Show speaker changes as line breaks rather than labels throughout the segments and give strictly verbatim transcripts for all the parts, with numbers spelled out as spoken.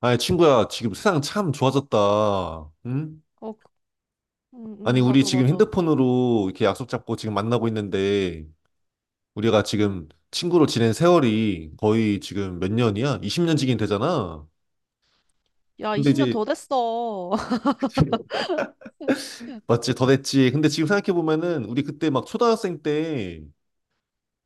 아니, 친구야, 지금 세상 참 좋아졌다. 응?
어, 그- 음,
아니,
음,
우리
맞아,
지금
맞아.
핸드폰으로 이렇게 약속 잡고 지금 만나고 있는데, 우리가
음.
지금 친구로 지낸 세월이 거의 지금 몇 년이야? 이십 년 지긴 되잖아.
야,
근데
이십 년
이제,
더 됐어.
맞지? 더 됐지. 근데 지금 생각해보면은, 우리 그때 막 초등학생 때,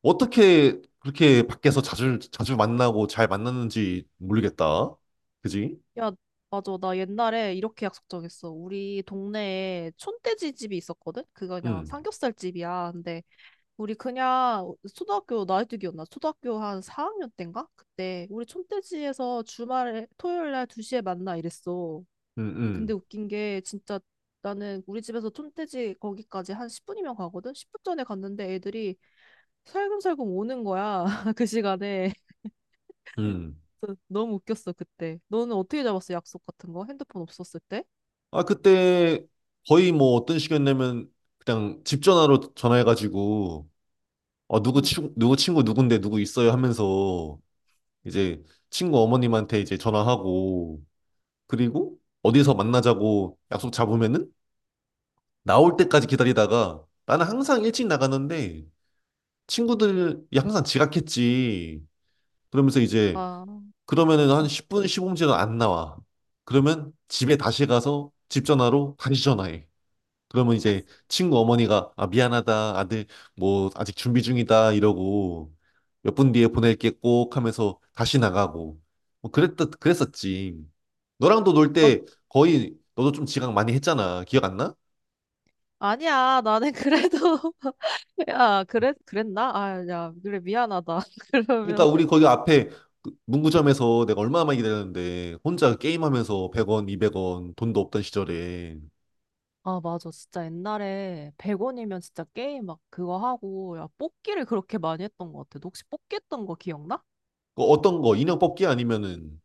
어떻게 그렇게 밖에서 자주, 자주 만나고 잘 만났는지 모르겠다. 그지?
야, 맞아. 나 옛날에 이렇게 약속 정했어. 우리 동네에 촌돼지 집이 있었거든? 그거 그냥
응,
삼겹살 집이야. 근데 우리 그냥 초등학교 나이뚜기였나? 초등학교 한 사 학년 때인가? 그때 우리 촌돼지에서 주말에 토요일 날 두 시에 만나 이랬어.
응,
근데
응,
웃긴 게 진짜 나는 우리 집에서 촌돼지 거기까지 한 십 분이면 가거든? 십 분 전에 갔는데 애들이 살금살금 오는 거야. 그 시간에.
응.
그래서 너무 웃겼어, 그때. 너는 어떻게 잡았어, 약속 같은 거? 핸드폰 없었을 때?
아, 그때 거의 뭐 어떤 시이었냐면 그냥 집 전화로 전화해가지고 어, 누구
응.
친구, 누구 친구 누군데 누구 있어요 하면서 이제 친구 어머님한테 이제 전화하고 그리고 어디서 만나자고 약속 잡으면은 나올 때까지 기다리다가 나는 항상 일찍 나가는데 친구들이 항상 지각했지. 그러면서 이제
아, 응.
그러면은 한 십 분, 십오 분 째도안 나와. 그러면 집에 다시 가서 집 전화로 다시 전화해. 그러면 이제 친구 어머니가 아 미안하다 아들 뭐 아직 준비 중이다 이러고 몇 분 뒤에 보낼게 꼭 하면서 다시 나가고 뭐 그랬듯 그랬었지. 너랑도 놀
어,
때 거의 너도 좀 지각 많이 했잖아. 기억 안 나?
아니야. 나는 그래도, 야, 그래, 그랬나? 아, 야, 그래, 미안하다.
그러니까
그러면,
우리 거기 앞에 그 문구점에서 내가 얼마나 많이 기다렸는데 혼자 게임하면서 백 원, 이백 원 돈도 없던 시절에
아, 맞아. 진짜 옛날에 백 원이면 진짜 게임 막 그거 하고, 야, 뽑기를 그렇게 많이 했던 것 같아. 너 혹시 뽑기 했던 거 기억나?
그 어떤 거 인형 뽑기 아니면은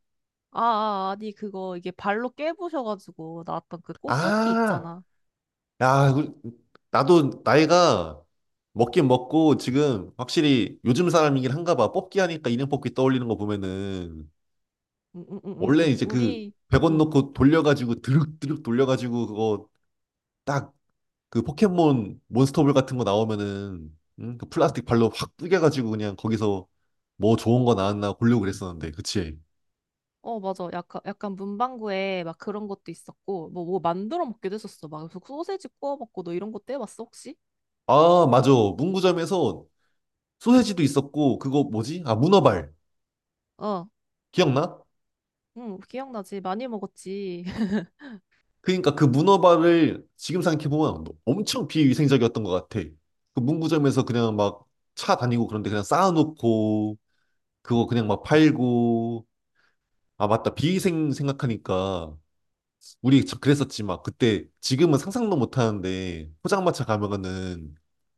아, 아, 아니, 그거, 이게 발로 깨부셔가지고 나왔던 그 꽃 뽑기
아
있잖아.
야, 그- 나도 나이가 먹긴 먹고 지금 확실히 요즘 사람이긴 한가 봐. 뽑기 하니까 인형 뽑기 떠올리는 거 보면은
응, 응, 응, 응,
원래
응.
이제 그
우리,
백 원
응.
넣고 돌려가지고 드륵드륵 돌려가지고 그거 딱 그 포켓몬 몬스터볼 같은 거 나오면은 응? 그 플라스틱 발로 확 뿌겨가지고 그냥 거기서 뭐 좋은 거 나왔나 고르고 그랬었는데 그치?
어, 맞아. 약간, 약간 문방구에 막 그런 것도 있었고, 뭐, 뭐 만들어 먹기도 했었어. 막 소세지 구워 먹고, 너 이런 것도 해봤어, 혹시?
아 맞아 문구점에서 소세지도 있었고 그거 뭐지? 아 문어발
어,
기억나?
응, 기억나지. 많이 먹었지.
그러니까 그 문어발을 지금 생각해보면 엄청 비위생적이었던 것 같아. 그 문구점에서 그냥 막 차 다니고 그런데 그냥 쌓아놓고 그거 그냥 막 팔고 아 맞다 비위생 생각하니까 우리 저- 그랬었지 막 그때 지금은 상상도 못하는데 포장마차 가면은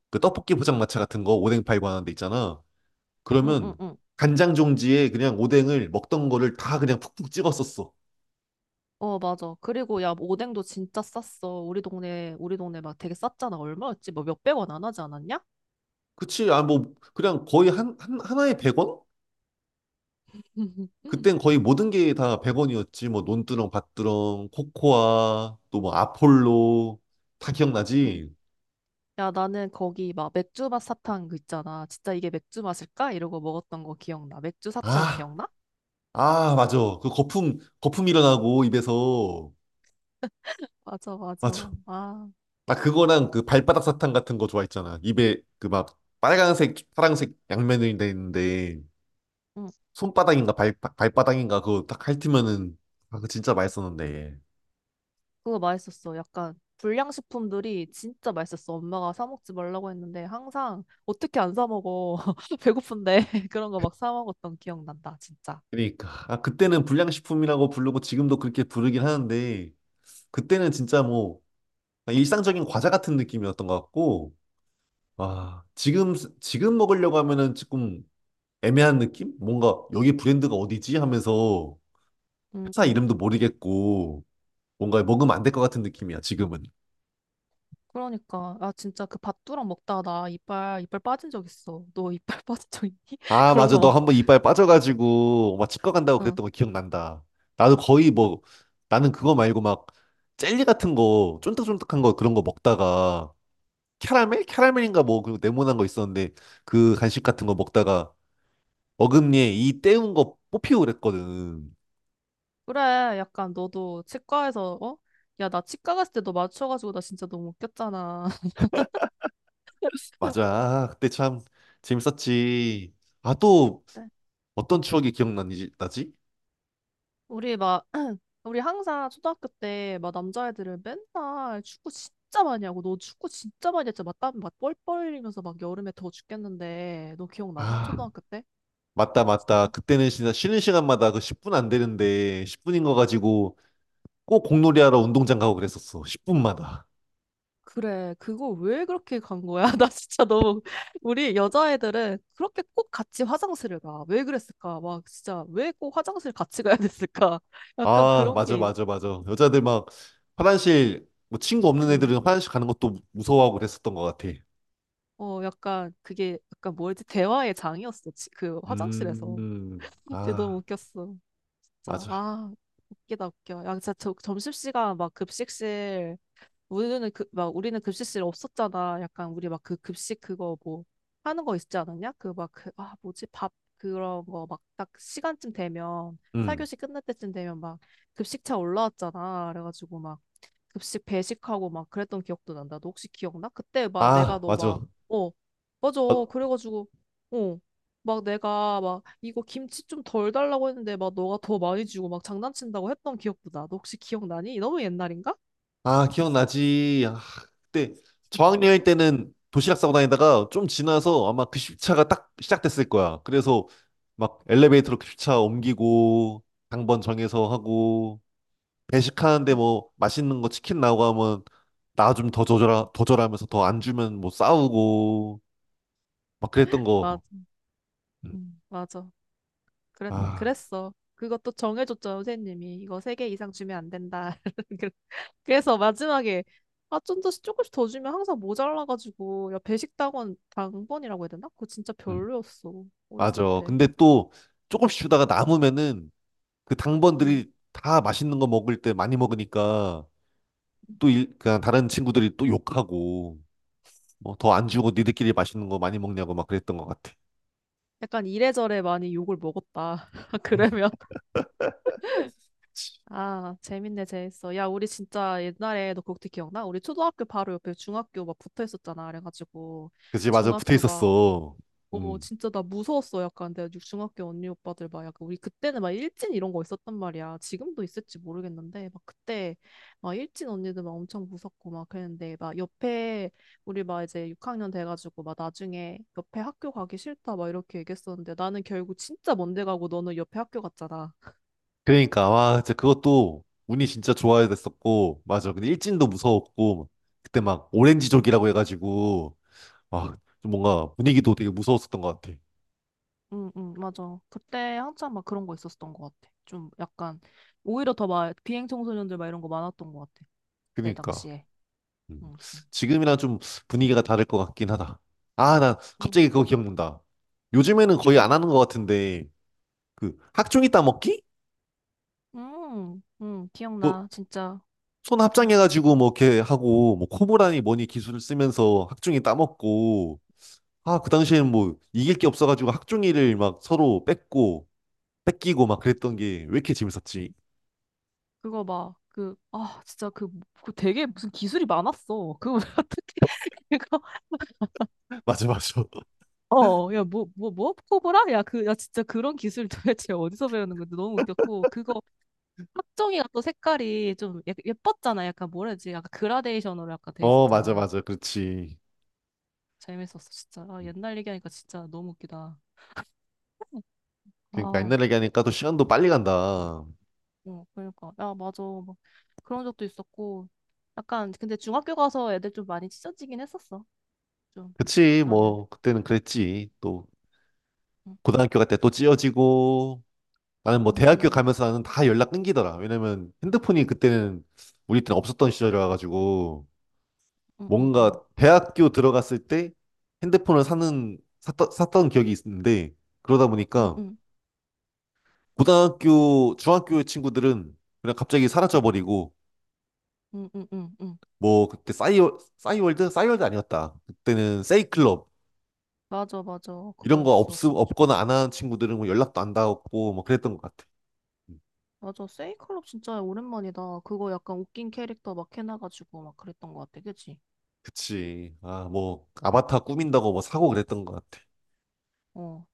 그 떡볶이 포장마차 같은 거 오뎅 팔고 하는 데 있잖아.
응, 응,
그러면
응.
간장 종지에 그냥 오뎅을 먹던 거를 다 그냥 푹푹 찍었었어.
어, 맞아. 그리고 야, 뭐 오뎅도 진짜 쌌어. 우리 동네, 우리 동네 막 되게 쌌잖아. 얼마였지? 뭐 몇백 원 안 하지 않았냐?
그치? 아 뭐 그냥 거의 한, 한 하나에 백 원? 그땐 거의 모든 게 다 백 원이었지. 뭐 논두렁, 밭두렁, 코코아, 또 뭐 아폴로 다
응.
기억나지?
야, 나는 거기 막 맥주 맛 사탕 그 있잖아. 진짜 이게 맥주 맛일까? 이러고 먹었던 거 기억나. 맥주 사탕
아,
기억나?
아, 맞아. 그 거품 거품 일어나고 입에서
맞아, 맞아.
맞아.
아.
나 그거랑 그 발바닥 사탕 같은 거 좋아했잖아. 입에 그 막 빨간색, 파란색 양면이 돼 있는데
응,
손바닥인가 발 발바닥인가 그거 딱 핥으면은 아, 그거 진짜 맛있었는데.
그거 맛있었어. 약간 불량식품들이 진짜 맛있었어. 엄마가 사 먹지 말라고 했는데 항상 어떻게 안 사 먹어. 배고픈데 그런 거 막 사 먹었던 기억 난다. 진짜.
그러니까 아 그때는 불량식품이라고 부르고 지금도 그렇게 부르긴 하는데 그때는 진짜 뭐 그냥 일상적인 과자 같은 느낌이었던 것 같고, 아, 지금, 지금 먹으려고 하면은 조금 애매한 느낌? 뭔가 여기 브랜드가 어디지? 하면서 회사
응응.
이름도 모르겠고, 뭔가 먹으면 안 될 것 같은 느낌이야, 지금은.
그러니까 아 진짜 그 밥두랑 먹다가 나 이빨 이빨 빠진 적 있어. 너 이빨 빠진 적 있니?
아,
그런
맞아.
거
너
막.
한번 이빨 빠져가지고 막 치과 간다고
응.
그랬던 거 기억난다. 나도 거의 뭐, 나는 그거 말고 막 젤리 같은 거, 쫀득쫀득한 거 그런 거 먹다가 캐러멜? 캐러멜인가 뭐, 그 네모난 거 있었는데 그 간식 같은 거 먹다가 어금니에 이 때운 거 뽑히고 그랬거든.
그래. 약간 너도 치과에서 어? 야, 나 치과 갔을 때 너 맞춰가지고 나 진짜 너무 웃겼잖아.
맞아. 그때 참 재밌었지. 아, 또
그때
어떤 추억이 기억나지? 나지?
우리 막 우리 항상 초등학교 때 막 남자애들은 맨날 축구 진짜 많이 하고 너 축구 진짜 많이 했잖아. 막땀막 뻘뻘 흘리면서 막 여름에 더워 죽겠는데 너 기억나냐?
아,
초등학교 때?
맞다, 맞다.
어?
그때는 진짜 쉬는 시간마다 그 십 분 안 되는데 십 분인 거 가지고 꼭 공놀이하러 운동장 가고 그랬었어. 십 분마다.
그래 그거 왜 그렇게 간 거야? 나 진짜 너무 우리 여자애들은 그렇게 꼭 같이 화장실을 가. 왜 그랬을까? 막 진짜 왜 꼭 화장실 같이 가야 됐을까? 약간
아,
그런
맞아,
게
맞아, 맞아. 여자들 막 화장실, 뭐 친구 없는
음.
애들은 화장실 가는 것도 무서워하고 그랬었던 것 같아.
어, 약간 그게 약간 뭐였지? 대화의 장이었어. 지- 그 화장실에서.
음,
진짜
아,
너무 웃겼어. 진짜
맞아.
아 웃기다 웃겨. 야 진짜 저 점심시간 막 급식실 우리는 그, 막 우리는 급식실 없었잖아. 약간 우리 막 그 급식 그거 뭐 하는 거 있지 않았냐? 그 막 그 아 뭐지 밥 그런 거 막 딱 시간쯤 되면
음,
사 교시 끝날 때쯤 되면 막 급식차 올라왔잖아. 그래가지고 막 급식 배식하고 막 그랬던 기억도 난다. 너 혹시 기억나? 그때 막 내가
아,
너 막,
맞아.
어, 맞아. 그래가지고, 어, 막 내가 막 이거 김치 좀 덜 달라고 했는데 막 너가 더 많이 주고 막 장난친다고 했던 기억도 나. 너 혹시 기억나니? 너무 옛날인가?
아, 기억나지. 아, 그때 저학년일
응?
때는 도시락 싸고 다니다가 좀 지나서 아마 급식차가 딱 시작됐을 거야. 그래서 막 엘리베이터로 급식차 옮기고 당번 정해서 하고 배식하는데
응,
뭐 맛있는 거 치킨 나오고 하면 나 좀 더 줘라 더 줘라 하면서 더 안 주면 뭐 싸우고 막 그랬던
맞아.
거. 음.
응, 맞아. 그랬,
아,
그랬어. 그것도 정해줬죠, 선생님이. 이거 세 개 이상 주면 안 된다. 그래서 마지막에 아, 좀 더 조금씩 더 주면 항상 모자라가지고 야 배식당원 당번이라고 해야 되나? 그거 진짜
음.
별로였어. 어렸을
맞아.
때.
근데 또 조금씩 주다가 남으면은 그
응.
당번들이 다 맛있는 거 먹을 때 많이 먹으니까 또 일, 그냥 다른 친구들이 또 욕하고 뭐 더 안 주고 니들끼리 맛있는 거 많이 먹냐고 막 그랬던 것 같아.
약간 이래저래 많이 욕을 먹었다. 그러면 아 재밌네 재밌어. 야 우리 진짜 옛날에 너 그것도 기억나? 우리 초등학교 바로 옆에 중학교 막 붙어 있었잖아. 그래가지고
그치, 맞아. 붙어
중학교 막
있었어.
어,
음.
진짜 나 무서웠어. 약간 내가 중학교 언니 오빠들 막 약간 우리 그때는 막 일진 이런 거 있었단 말이야. 지금도 있을지 모르겠는데 막 그때 막 일진 언니들 막 엄청 무섭고 막 그랬는데 막 옆에 우리 막 이제 육 학년 돼가지고 막 나중에 옆에 학교 가기 싫다 막 이렇게 얘기했었는데 나는 결국 진짜 먼데 가고 너는 옆에 학교 갔잖아.
그러니까 와, 진짜 그것도 운이 진짜 좋아야 됐었고 맞아. 근데 일진도 무서웠고 그때 막 오렌지족이라고 해가지고 와, 좀 뭔가 분위기도 되게 무서웠었던 것 같아.
응, 응, 맞아. 그때 한참 막 그런 거 있었던 것 같아. 좀 약간 오히려 더 막 비행 청소년들 막 이런 거 많았던 것 같아. 그때
그러니까
당시에.
음.
응, 응.
지금이랑 좀 분위기가 다를 것 같긴 하다. 아, 나 갑자기 그거 기억난다. 요즘에는 거의
응.
안 하는 것 같은데 그 학종이 따먹기?
음, 음,
그,
기억나, 진짜.
손
음,
합장해가지고 뭐 이렇게 하고 뭐 코보라니 뭐니 기술을 쓰면서 학중이 따먹고 아 그 당시에는 뭐 이길 게 없어가지고 학중이를 막 서로 뺏고 뺏기고 막 그랬던 게 왜 이렇게 재밌었지?
그거 막, 그, 아, 진짜 그, 그 되게 무슨 기술이 많았어. 그거 왜 어떻게, 그거,
맞아 맞아
어, 야, 뭐, 뭐, 뭐, 코브라? 야, 그, 야, 진짜 그런 기술 도대체 어디서 배우는 건데 너무 웃겼고, 그거, 학정이가 또 색깔이 좀 예- 예뻤잖아. 약간 뭐라 해야 되지? 약간 그라데이션으로 약간 돼
어 맞아
있었잖아.
맞아 그렇지.
재밌었어, 진짜. 아, 옛날 얘기하니까 진짜 너무 웃기다.
그러니까
아,
옛날 얘기하니까 또 시간도 빨리 간다.
어, 그러니까. 야, 맞아. 막 그런 적도 있었고. 약간, 근데 중학교 가서 애들 좀 많이 찢어지긴 했었어. 좀,
그치,
나는.
뭐 그때는 그랬지. 또
응, 응,
고등학교 갈 때 또 찢어지고 나는 뭐 대학교
응,
가면서 나는 다 연락 끊기더라. 왜냐면 핸드폰이 그때는 우리 때는 없었던 시절이라 가지고
응, 응,
뭔가
응,
대학교 들어갔을 때 핸드폰을 사는 샀던, 샀던 기억이 있는데 그러다
응, 응,
보니까
응,
고등학교 중학교 친구들은 그냥 갑자기 사라져 버리고
응, 응, 응. 응.
뭐 그때 싸이월 싸이월드 싸이월드 아니었다. 그때는 세이클럽.
맞아, 맞아.
이런 거 없
그거였어, 진짜.
없거나 안 하는 친구들은 뭐 연락도 안 닿았고 뭐 그랬던 것 같아. 음,
맞아. 세이클럽 진짜 오랜만이다. 그거 약간 웃긴 캐릭터 막 해놔가지고 막 그랬던 것 같아. 그치?
그치. 아 뭐 아바타 꾸민다고 뭐 사고 그랬던 것 같아.
어.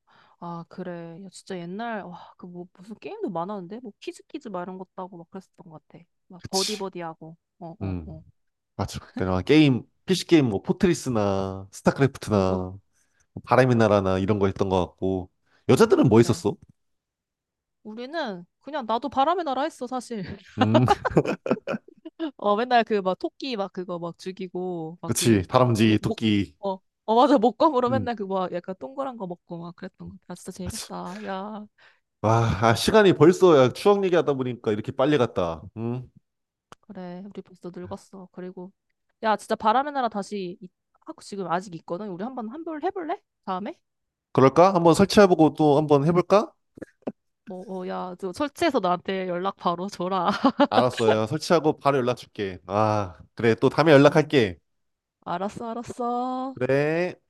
아, 그래. 야, 진짜 옛날, 와, 그 뭐, 무슨 게임도 많았는데? 뭐, 퀴즈퀴즈 막 이런 것도 하고 막 그랬었던 것 같아. 막
그치.
버디버디하고. 어, 어,
음,
어.
맞아. 그때는 막 게임 피씨 게임 뭐 포트리스나
어, 어.
스타크래프트나 바람의 나라나 이런 거 했던 것 같고 여자들은 뭐 있
그래.
었어
우리는 그냥 나도 바람의 나라 했어, 사실.
음
어, 맨날 그 막 토끼 막 그거 막 죽이고, 막
그치,
그,
다람쥐
목, 목,
토끼.
어, 어, 맞아. 목검으로
음,
맨날 그거 막 약간 동그란 거 먹고 막 그랬던 거. 아 진짜
맞아.
재밌다. 야,
와 아, 시간이 벌써. 야, 추억 얘기하다 보니까 이렇게 빨리 갔다. 음.
그래. 우리 벌써 늙었어. 그리고, 야, 진짜 바람의 나라 다시, 이- 하고 지금 아직 있거든. 우리 한번 한번 해볼래? 다음에?
그럴까? 한번 설치해보고 또 한번 해볼까?
어, 어, 야, 저 설치해서 나한테 연락 바로 줘라.
알았어. 야, 설치하고 바로 연락 줄게. 아, 그래, 또 다음에
아,
연락할게.
알았어, 알았어.
그래.